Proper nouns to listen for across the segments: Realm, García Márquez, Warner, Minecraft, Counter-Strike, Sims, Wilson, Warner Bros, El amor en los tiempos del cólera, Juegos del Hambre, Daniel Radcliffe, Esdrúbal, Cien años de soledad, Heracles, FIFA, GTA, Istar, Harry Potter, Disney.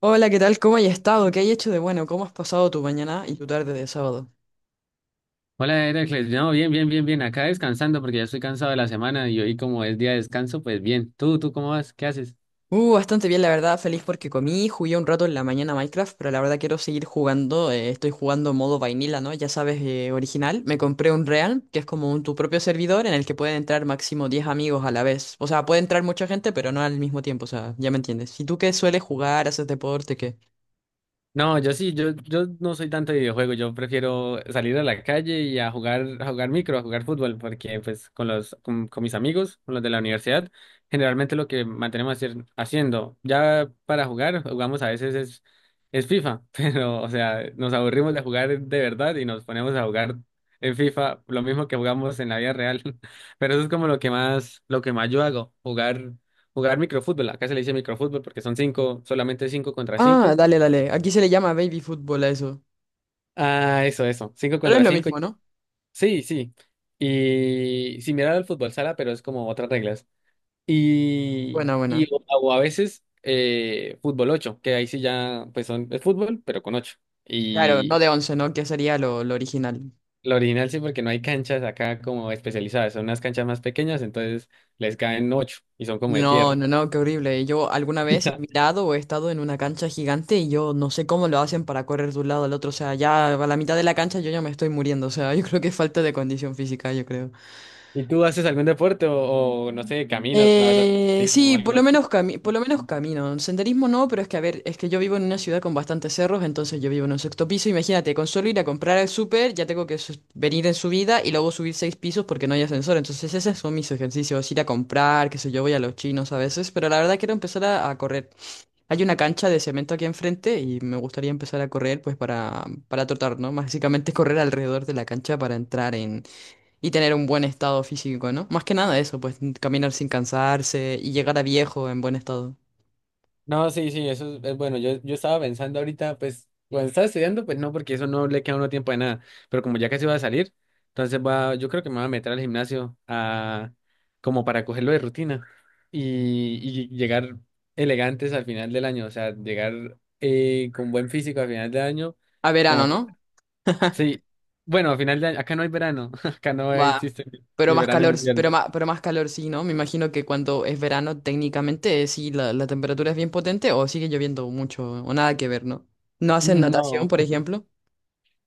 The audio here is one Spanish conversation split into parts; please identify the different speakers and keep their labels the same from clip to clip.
Speaker 1: Hola, ¿qué tal? ¿Cómo has estado? ¿Qué hay hecho de bueno? ¿Cómo has pasado tu mañana y tu tarde de sábado?
Speaker 2: Hola, Heracles. No, bien, bien, bien, bien. Acá descansando porque ya estoy cansado de la semana y hoy como es día de descanso, pues bien. ¿Tú cómo vas? ¿Qué haces?
Speaker 1: Bastante bien, la verdad. Feliz porque comí, jugué un rato en la mañana a Minecraft, pero la verdad quiero seguir jugando. Estoy jugando modo vainilla, ¿no? Ya sabes, original. Me compré un Realm, que es como un, tu propio servidor en el que pueden entrar máximo 10 amigos a la vez. O sea, puede entrar mucha gente, pero no al mismo tiempo. O sea, ya me entiendes. ¿Y tú qué sueles jugar? ¿Haces deporte? ¿Qué?
Speaker 2: No, yo sí, yo no soy tanto de videojuegos, yo prefiero salir a la calle y a jugar micro, a jugar fútbol, porque pues con mis amigos, con los de la universidad, generalmente lo que mantenemos haciendo, ya para jugar, jugamos a veces es FIFA, pero o sea, nos aburrimos de jugar de verdad y nos ponemos a jugar en FIFA, lo mismo que jugamos en la vida real, pero eso es como lo que más yo hago, jugar microfútbol, acá se le dice microfútbol porque son cinco, solamente cinco contra
Speaker 1: Ah,
Speaker 2: cinco.
Speaker 1: dale, dale. Aquí se le llama baby fútbol a eso.
Speaker 2: Ah, eso, eso. Cinco
Speaker 1: Pero es
Speaker 2: contra
Speaker 1: lo
Speaker 2: cinco.
Speaker 1: mismo, ¿no?
Speaker 2: Sí, sí. Y similar al fútbol sala, pero es como otras reglas. Y,
Speaker 1: Buena,
Speaker 2: y
Speaker 1: buena.
Speaker 2: o a veces fútbol ocho, que ahí sí ya pues son, es fútbol, pero con ocho.
Speaker 1: Claro, no
Speaker 2: Y
Speaker 1: de 11, ¿no? Que sería lo original.
Speaker 2: lo original sí, porque no hay canchas acá como especializadas, son unas canchas más pequeñas, entonces les caen ocho y son como de
Speaker 1: No,
Speaker 2: tierra.
Speaker 1: no, no, qué horrible. Yo alguna vez he mirado o he estado en una cancha gigante y yo no sé cómo lo hacen para correr de un lado al otro. O sea, ya a la mitad de la cancha yo ya me estoy muriendo. O sea, yo creo que es falta de condición física, yo creo.
Speaker 2: ¿Y tú haces algún deporte no sé, caminas, vas a atletismo o
Speaker 1: Sí, por
Speaker 2: algo
Speaker 1: lo
Speaker 2: así?
Speaker 1: menos por lo menos camino. Senderismo no, pero es que, a ver, es que yo vivo en una ciudad con bastantes cerros, entonces yo vivo en un 6.º piso. Imagínate, con solo ir a comprar al súper, ya tengo que venir en subida y luego subir 6 pisos porque no hay ascensor. Entonces esos son mis ejercicios, ir a comprar, qué sé yo, voy a los chinos a veces, pero la verdad quiero empezar a correr. Hay una cancha de cemento aquí enfrente y me gustaría empezar a correr pues para trotar, ¿no? Básicamente correr alrededor de la cancha para entrar y tener un buen estado físico, ¿no? Más que nada eso, pues caminar sin cansarse y llegar a viejo en buen estado.
Speaker 2: No, sí, sí, eso es bueno. Yo estaba pensando ahorita, pues, cuando estaba estudiando, pues no, porque eso no le queda a uno tiempo de nada. Pero como ya casi va a salir, entonces va, yo creo que me voy a meter al gimnasio a, como para cogerlo de rutina y, y llegar elegantes al final del año, o sea, llegar con buen físico al final del año,
Speaker 1: ¿A verano,
Speaker 2: como,
Speaker 1: no?
Speaker 2: sí, bueno, al final de año, acá no hay verano, acá no
Speaker 1: Va.
Speaker 2: existe ni
Speaker 1: Pero
Speaker 2: ni
Speaker 1: más
Speaker 2: verano ni
Speaker 1: calor,
Speaker 2: invierno.
Speaker 1: pero más calor sí, ¿no? Me imagino que cuando es verano, técnicamente, sí, la temperatura es bien potente o sigue lloviendo mucho o nada que ver, ¿no? ¿No hacen natación,
Speaker 2: No.
Speaker 1: por ejemplo?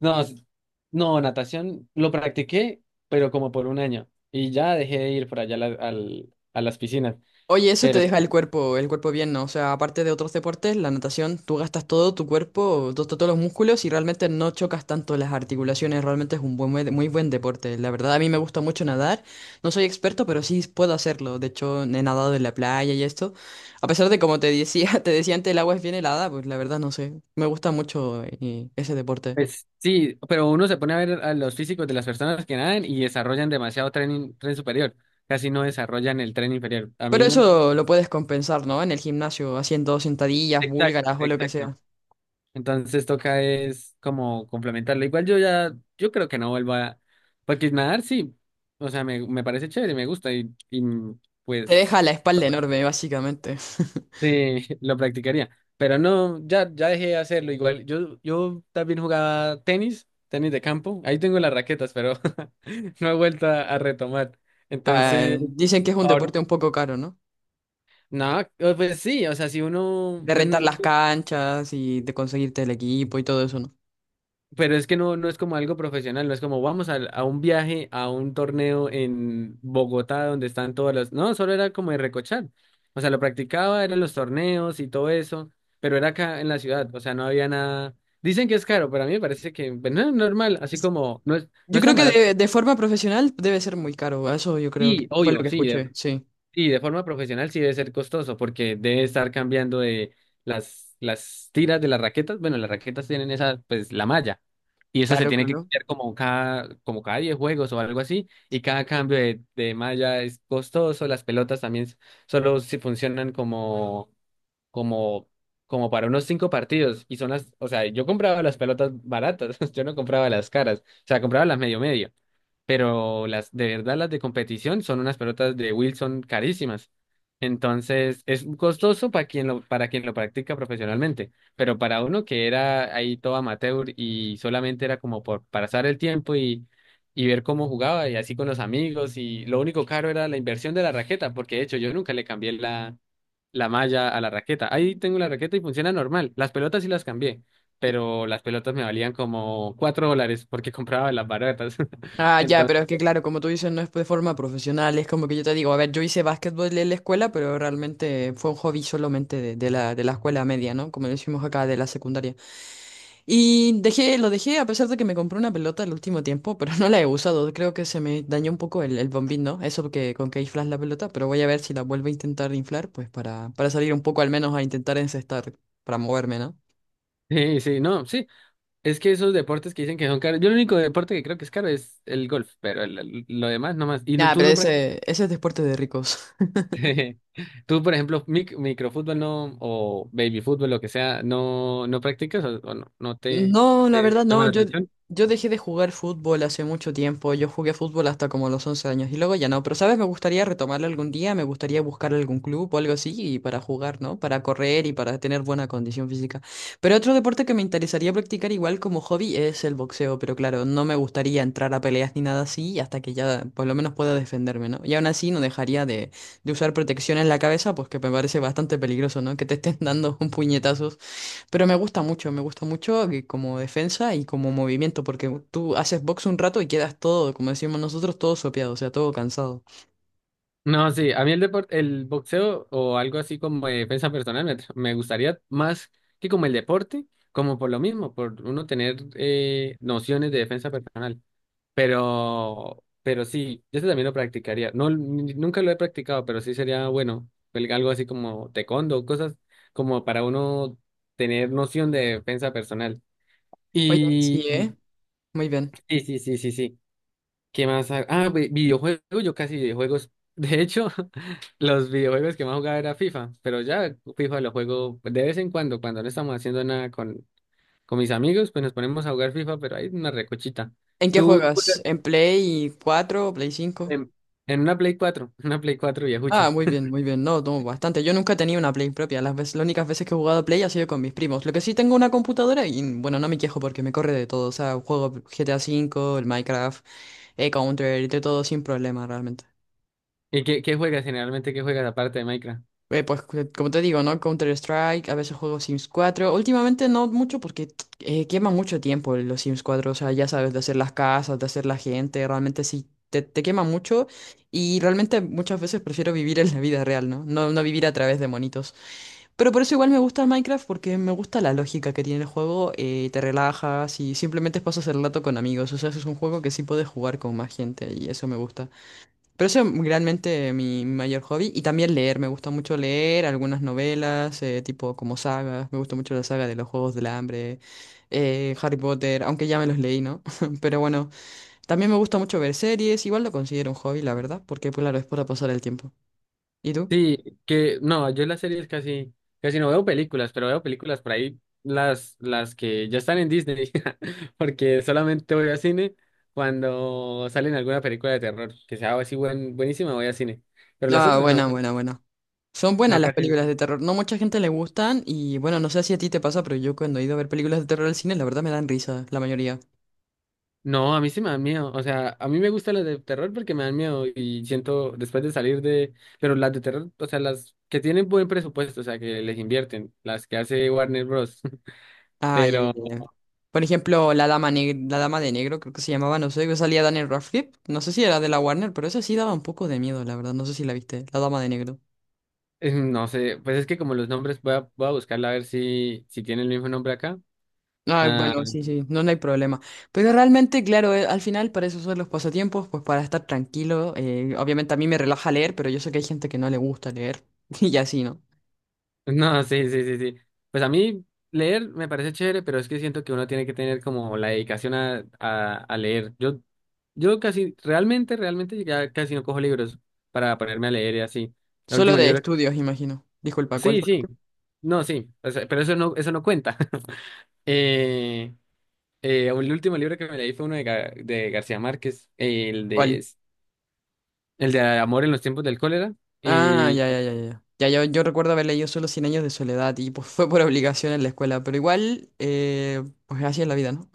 Speaker 2: No, no, natación lo practiqué, pero como por un año. Y ya dejé de ir por allá a las piscinas.
Speaker 1: Oye, eso te
Speaker 2: Pero sí,
Speaker 1: deja el cuerpo bien, ¿no? O sea, aparte de otros deportes, la natación, tú gastas todo tu cuerpo, todos los músculos y realmente no chocas tanto las articulaciones, realmente es un buen, muy muy buen deporte. La verdad, a mí me gusta mucho nadar, no soy experto, pero sí puedo hacerlo. De hecho, he nadado en la playa y esto. A pesar de como te decía, te decía antes, el agua es bien helada, pues la verdad no sé. Me gusta mucho ese deporte.
Speaker 2: pues sí, pero uno se pone a ver a los físicos de las personas que nadan y desarrollan demasiado tren superior. Casi no desarrollan el tren inferior. A
Speaker 1: Pero
Speaker 2: mí.
Speaker 1: eso lo puedes compensar, ¿no? En el gimnasio, haciendo sentadillas,
Speaker 2: Exacto,
Speaker 1: búlgaras o lo que
Speaker 2: exacto.
Speaker 1: sea.
Speaker 2: Entonces toca es como complementarlo. Igual yo creo que no vuelva a... Porque nadar sí, o sea, me parece chévere, me gusta y
Speaker 1: Te
Speaker 2: pues.
Speaker 1: deja la espalda enorme, básicamente.
Speaker 2: Sí, lo practicaría. Pero no, ya, ya dejé de hacerlo. Igual, yo también jugaba tenis, tenis de campo. Ahí tengo las raquetas, pero no he vuelto a retomar.
Speaker 1: Ah,
Speaker 2: Entonces,
Speaker 1: dicen que es un
Speaker 2: ahorita,
Speaker 1: deporte un poco caro, ¿no?
Speaker 2: no, pues sí, o sea, si uno,
Speaker 1: De
Speaker 2: pues,
Speaker 1: rentar
Speaker 2: no,
Speaker 1: las canchas y de conseguirte el equipo y todo eso, ¿no?
Speaker 2: pero es que no es como algo profesional, no es como vamos un viaje, a un torneo en Bogotá donde están todas las... No, solo era como de recochar. O sea, lo practicaba, eran los torneos y todo eso, pero era acá en la ciudad, o sea, no había nada... Dicen que es caro, pero a mí me parece que pues, no normal, así
Speaker 1: Es-
Speaker 2: como no es, no
Speaker 1: Yo
Speaker 2: es tan
Speaker 1: creo que
Speaker 2: barato.
Speaker 1: de forma profesional debe ser muy caro, eso yo creo
Speaker 2: Sí,
Speaker 1: que fue lo
Speaker 2: obvio,
Speaker 1: que
Speaker 2: sí,
Speaker 1: escuché, sí.
Speaker 2: y de forma profesional sí debe ser costoso porque debe estar cambiando de las tiras de las raquetas. Bueno, las raquetas tienen esa, pues, la malla. Y eso se
Speaker 1: Claro,
Speaker 2: tiene que
Speaker 1: claro.
Speaker 2: cambiar como como cada 10 juegos o algo así. Y cada cambio de malla es costoso. Las pelotas también solo si funcionan como, como para unos cinco partidos. Y son las, o sea, yo compraba las pelotas baratas, yo no compraba las caras, o sea, compraba las medio medio. Pero las de verdad, las de competición son unas pelotas de Wilson carísimas. Entonces, es costoso para quien lo practica profesionalmente. Pero para uno que era ahí todo amateur y solamente era como por pasar el tiempo y ver cómo jugaba y así con los amigos. Y lo único caro era la inversión de la raqueta, porque de hecho yo nunca le cambié la malla a la raqueta. Ahí tengo la raqueta y funciona normal. Las pelotas sí las cambié, pero las pelotas me valían como cuatro dólares porque compraba las baratas.
Speaker 1: Ah, ya,
Speaker 2: Entonces,
Speaker 1: pero es que claro, como tú dices, no es de forma profesional, es como que yo te digo, a ver, yo hice básquetbol en la escuela, pero realmente fue un hobby solamente de, de la escuela media, ¿no? Como decimos acá, de la secundaria. Y dejé, lo dejé a pesar de que me compré una pelota el último tiempo, pero no la he usado. Creo que se me dañó un poco el bombín, ¿no? Eso que, con que inflas la pelota, pero voy a ver si la vuelvo a intentar inflar, pues para salir un poco al menos a intentar encestar, para moverme, ¿no?
Speaker 2: sí, sí, no, sí. Es que esos deportes que dicen que son caros, yo el único deporte que creo que es caro es el golf, pero lo demás no más. Y no,
Speaker 1: Nada,
Speaker 2: tú
Speaker 1: pero
Speaker 2: no practicas.
Speaker 1: ese es deporte de ricos.
Speaker 2: Tú, por ejemplo, microfútbol no, o baby fútbol, lo que sea, no practicas o no, no te, no
Speaker 1: No, la
Speaker 2: te
Speaker 1: verdad
Speaker 2: llama
Speaker 1: no,
Speaker 2: la atención.
Speaker 1: yo dejé de jugar fútbol hace mucho tiempo, yo jugué fútbol hasta como los 11 años y luego ya no, pero sabes, me gustaría retomarlo algún día, me gustaría buscar algún club o algo así y para jugar, ¿no? Para correr y para tener buena condición física. Pero otro deporte que me interesaría practicar igual como hobby es el boxeo, pero claro, no me gustaría entrar a peleas ni nada así hasta que ya por lo menos pueda defenderme, ¿no? Y aún así no dejaría de usar protección en la cabeza, pues que me parece bastante peligroso, ¿no? Que te estén dando un puñetazo. Pero me gusta mucho que como defensa y como movimiento, porque tú haces box un rato y quedas todo, como decimos nosotros, todo sopeado, o sea, todo cansado.
Speaker 2: No, sí, a mí el deporte, el boxeo o algo así como de defensa personal me gustaría más que como el deporte, como por lo mismo, por uno tener nociones de defensa personal. Pero sí, yo ese también lo practicaría. No, nunca lo he practicado, pero sí sería bueno, algo así como taekwondo, cosas como para uno tener noción de defensa personal.
Speaker 1: Oye,
Speaker 2: Y
Speaker 1: sí,
Speaker 2: y-
Speaker 1: ¿eh? Muy bien.
Speaker 2: sí, sí, sí, sí, sí. ¿Qué más? Ah, videojuegos, yo casi videojuegos. De hecho, los videojuegos que más jugaba era FIFA, pero ya FIFA lo juego de vez en cuando, cuando no estamos haciendo nada con mis amigos, pues nos ponemos a jugar FIFA, pero hay una recochita.
Speaker 1: ¿En qué
Speaker 2: Tú
Speaker 1: juegas?
Speaker 2: juegas
Speaker 1: ¿En Play 4, Play 5
Speaker 2: en, en una Play 4 una Play 4 viejucha.
Speaker 1: Ah, muy bien, muy bien. No, no, bastante. Yo nunca he tenido una Play propia. Las veces, las únicas veces que he jugado a Play ha sido con mis primos. Lo que sí tengo una computadora y, bueno, no me quejo porque me corre de todo. O sea, juego GTA 5, el Minecraft, el Counter, de todo sin problema realmente.
Speaker 2: ¿Y qué juegas generalmente? ¿Qué juegas aparte de Minecraft?
Speaker 1: Pues como te digo, ¿no? Counter-Strike, a veces juego Sims 4. Últimamente no mucho porque quema mucho tiempo los Sims 4. O sea, ya sabes, de hacer las casas, de hacer la gente. Realmente sí, te quema mucho. Y realmente muchas veces prefiero vivir en la vida real, ¿no? No, no vivir a través de monitos. Pero por eso igual me gusta el Minecraft porque me gusta la lógica que tiene el juego. Te relajas y simplemente pasas el rato con amigos. O sea, es un juego que sí puedes jugar con más gente y eso me gusta. Pero eso es realmente mi, mayor hobby. Y también leer, me gusta mucho leer algunas novelas, tipo como sagas. Me gusta mucho la saga de los Juegos del Hambre, Harry Potter, aunque ya me los leí, ¿no? Pero bueno, también me gusta mucho ver series. Igual lo considero un hobby, la verdad, porque pues, claro, es para pasar el tiempo. ¿Y tú?
Speaker 2: Sí, que no, yo las series casi, casi no veo películas, pero veo películas por ahí, las que ya están en Disney, porque solamente voy al cine cuando salen alguna película de terror, que sea así buenísima, voy al cine, pero las
Speaker 1: Ah,
Speaker 2: otras no,
Speaker 1: buena, buena, buena. Son buenas
Speaker 2: no,
Speaker 1: las
Speaker 2: casi no.
Speaker 1: películas de terror. No mucha gente le gustan y bueno, no sé si a ti te pasa, pero yo cuando he ido a ver películas de terror al cine, la verdad me dan risa, la mayoría.
Speaker 2: No, a mí sí me dan miedo, o sea, a mí me gustan las de terror porque me dan miedo y siento después de salir de, pero las de terror, o sea, las que tienen buen presupuesto, o sea, que les invierten, las que hace Warner Bros.
Speaker 1: Ah, ya, ya,
Speaker 2: Pero
Speaker 1: ya. Por ejemplo, la dama de negro, creo que se llamaba, no sé, que salía Daniel Radcliffe. No sé si era de la Warner, pero esa sí daba un poco de miedo, la verdad. No sé si la viste, la dama de negro.
Speaker 2: No sé, pues es que como los nombres, voy a buscarla a ver si tiene el mismo nombre acá.
Speaker 1: Ah,
Speaker 2: Ah,
Speaker 1: bueno, sí, sí, no, no hay problema. Pero realmente, claro, al final para eso son los pasatiempos, pues para estar tranquilo. Obviamente a mí me relaja leer, pero yo sé que hay gente que no le gusta leer. Y así, ¿no?
Speaker 2: no, sí, sí, sí, sí. Pues a mí leer me parece chévere, pero es que siento que uno tiene que tener como la dedicación a leer. Yo casi, realmente, realmente ya casi no cojo libros para ponerme a leer y así. El
Speaker 1: Solo
Speaker 2: último
Speaker 1: de
Speaker 2: libro.
Speaker 1: estudios, imagino. Disculpa, ¿cuál
Speaker 2: Sí,
Speaker 1: fue?
Speaker 2: sí. No, sí. O sea, pero eso no, cuenta. Eh, el último libro que me leí fue uno de García Márquez, el de
Speaker 1: ¿Cuál?
Speaker 2: el de amor en los tiempos del cólera.
Speaker 1: Ah,
Speaker 2: Y
Speaker 1: ya, ya, ya, ya. Ya, yo recuerdo haber leído solo Cien años de soledad y pues fue por obligación en la escuela, pero igual, pues así es la vida, ¿no?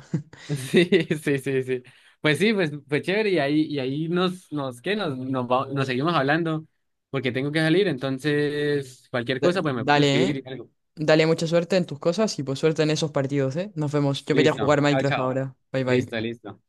Speaker 2: sí, sí, sí, sí. Pues sí, pues fue chévere y y ahí nos, ¿qué? Nos seguimos hablando porque tengo que salir. Entonces, cualquier cosa, pues me puedes
Speaker 1: Dale, ¿eh?
Speaker 2: escribir. Y algo.
Speaker 1: Dale mucha suerte en tus cosas y pues suerte en esos partidos, ¿eh? Nos vemos. Yo voy a
Speaker 2: Listo.
Speaker 1: jugar
Speaker 2: Chao,
Speaker 1: Minecraft
Speaker 2: chao.
Speaker 1: ahora. Bye,
Speaker 2: Listo,
Speaker 1: bye.
Speaker 2: listo.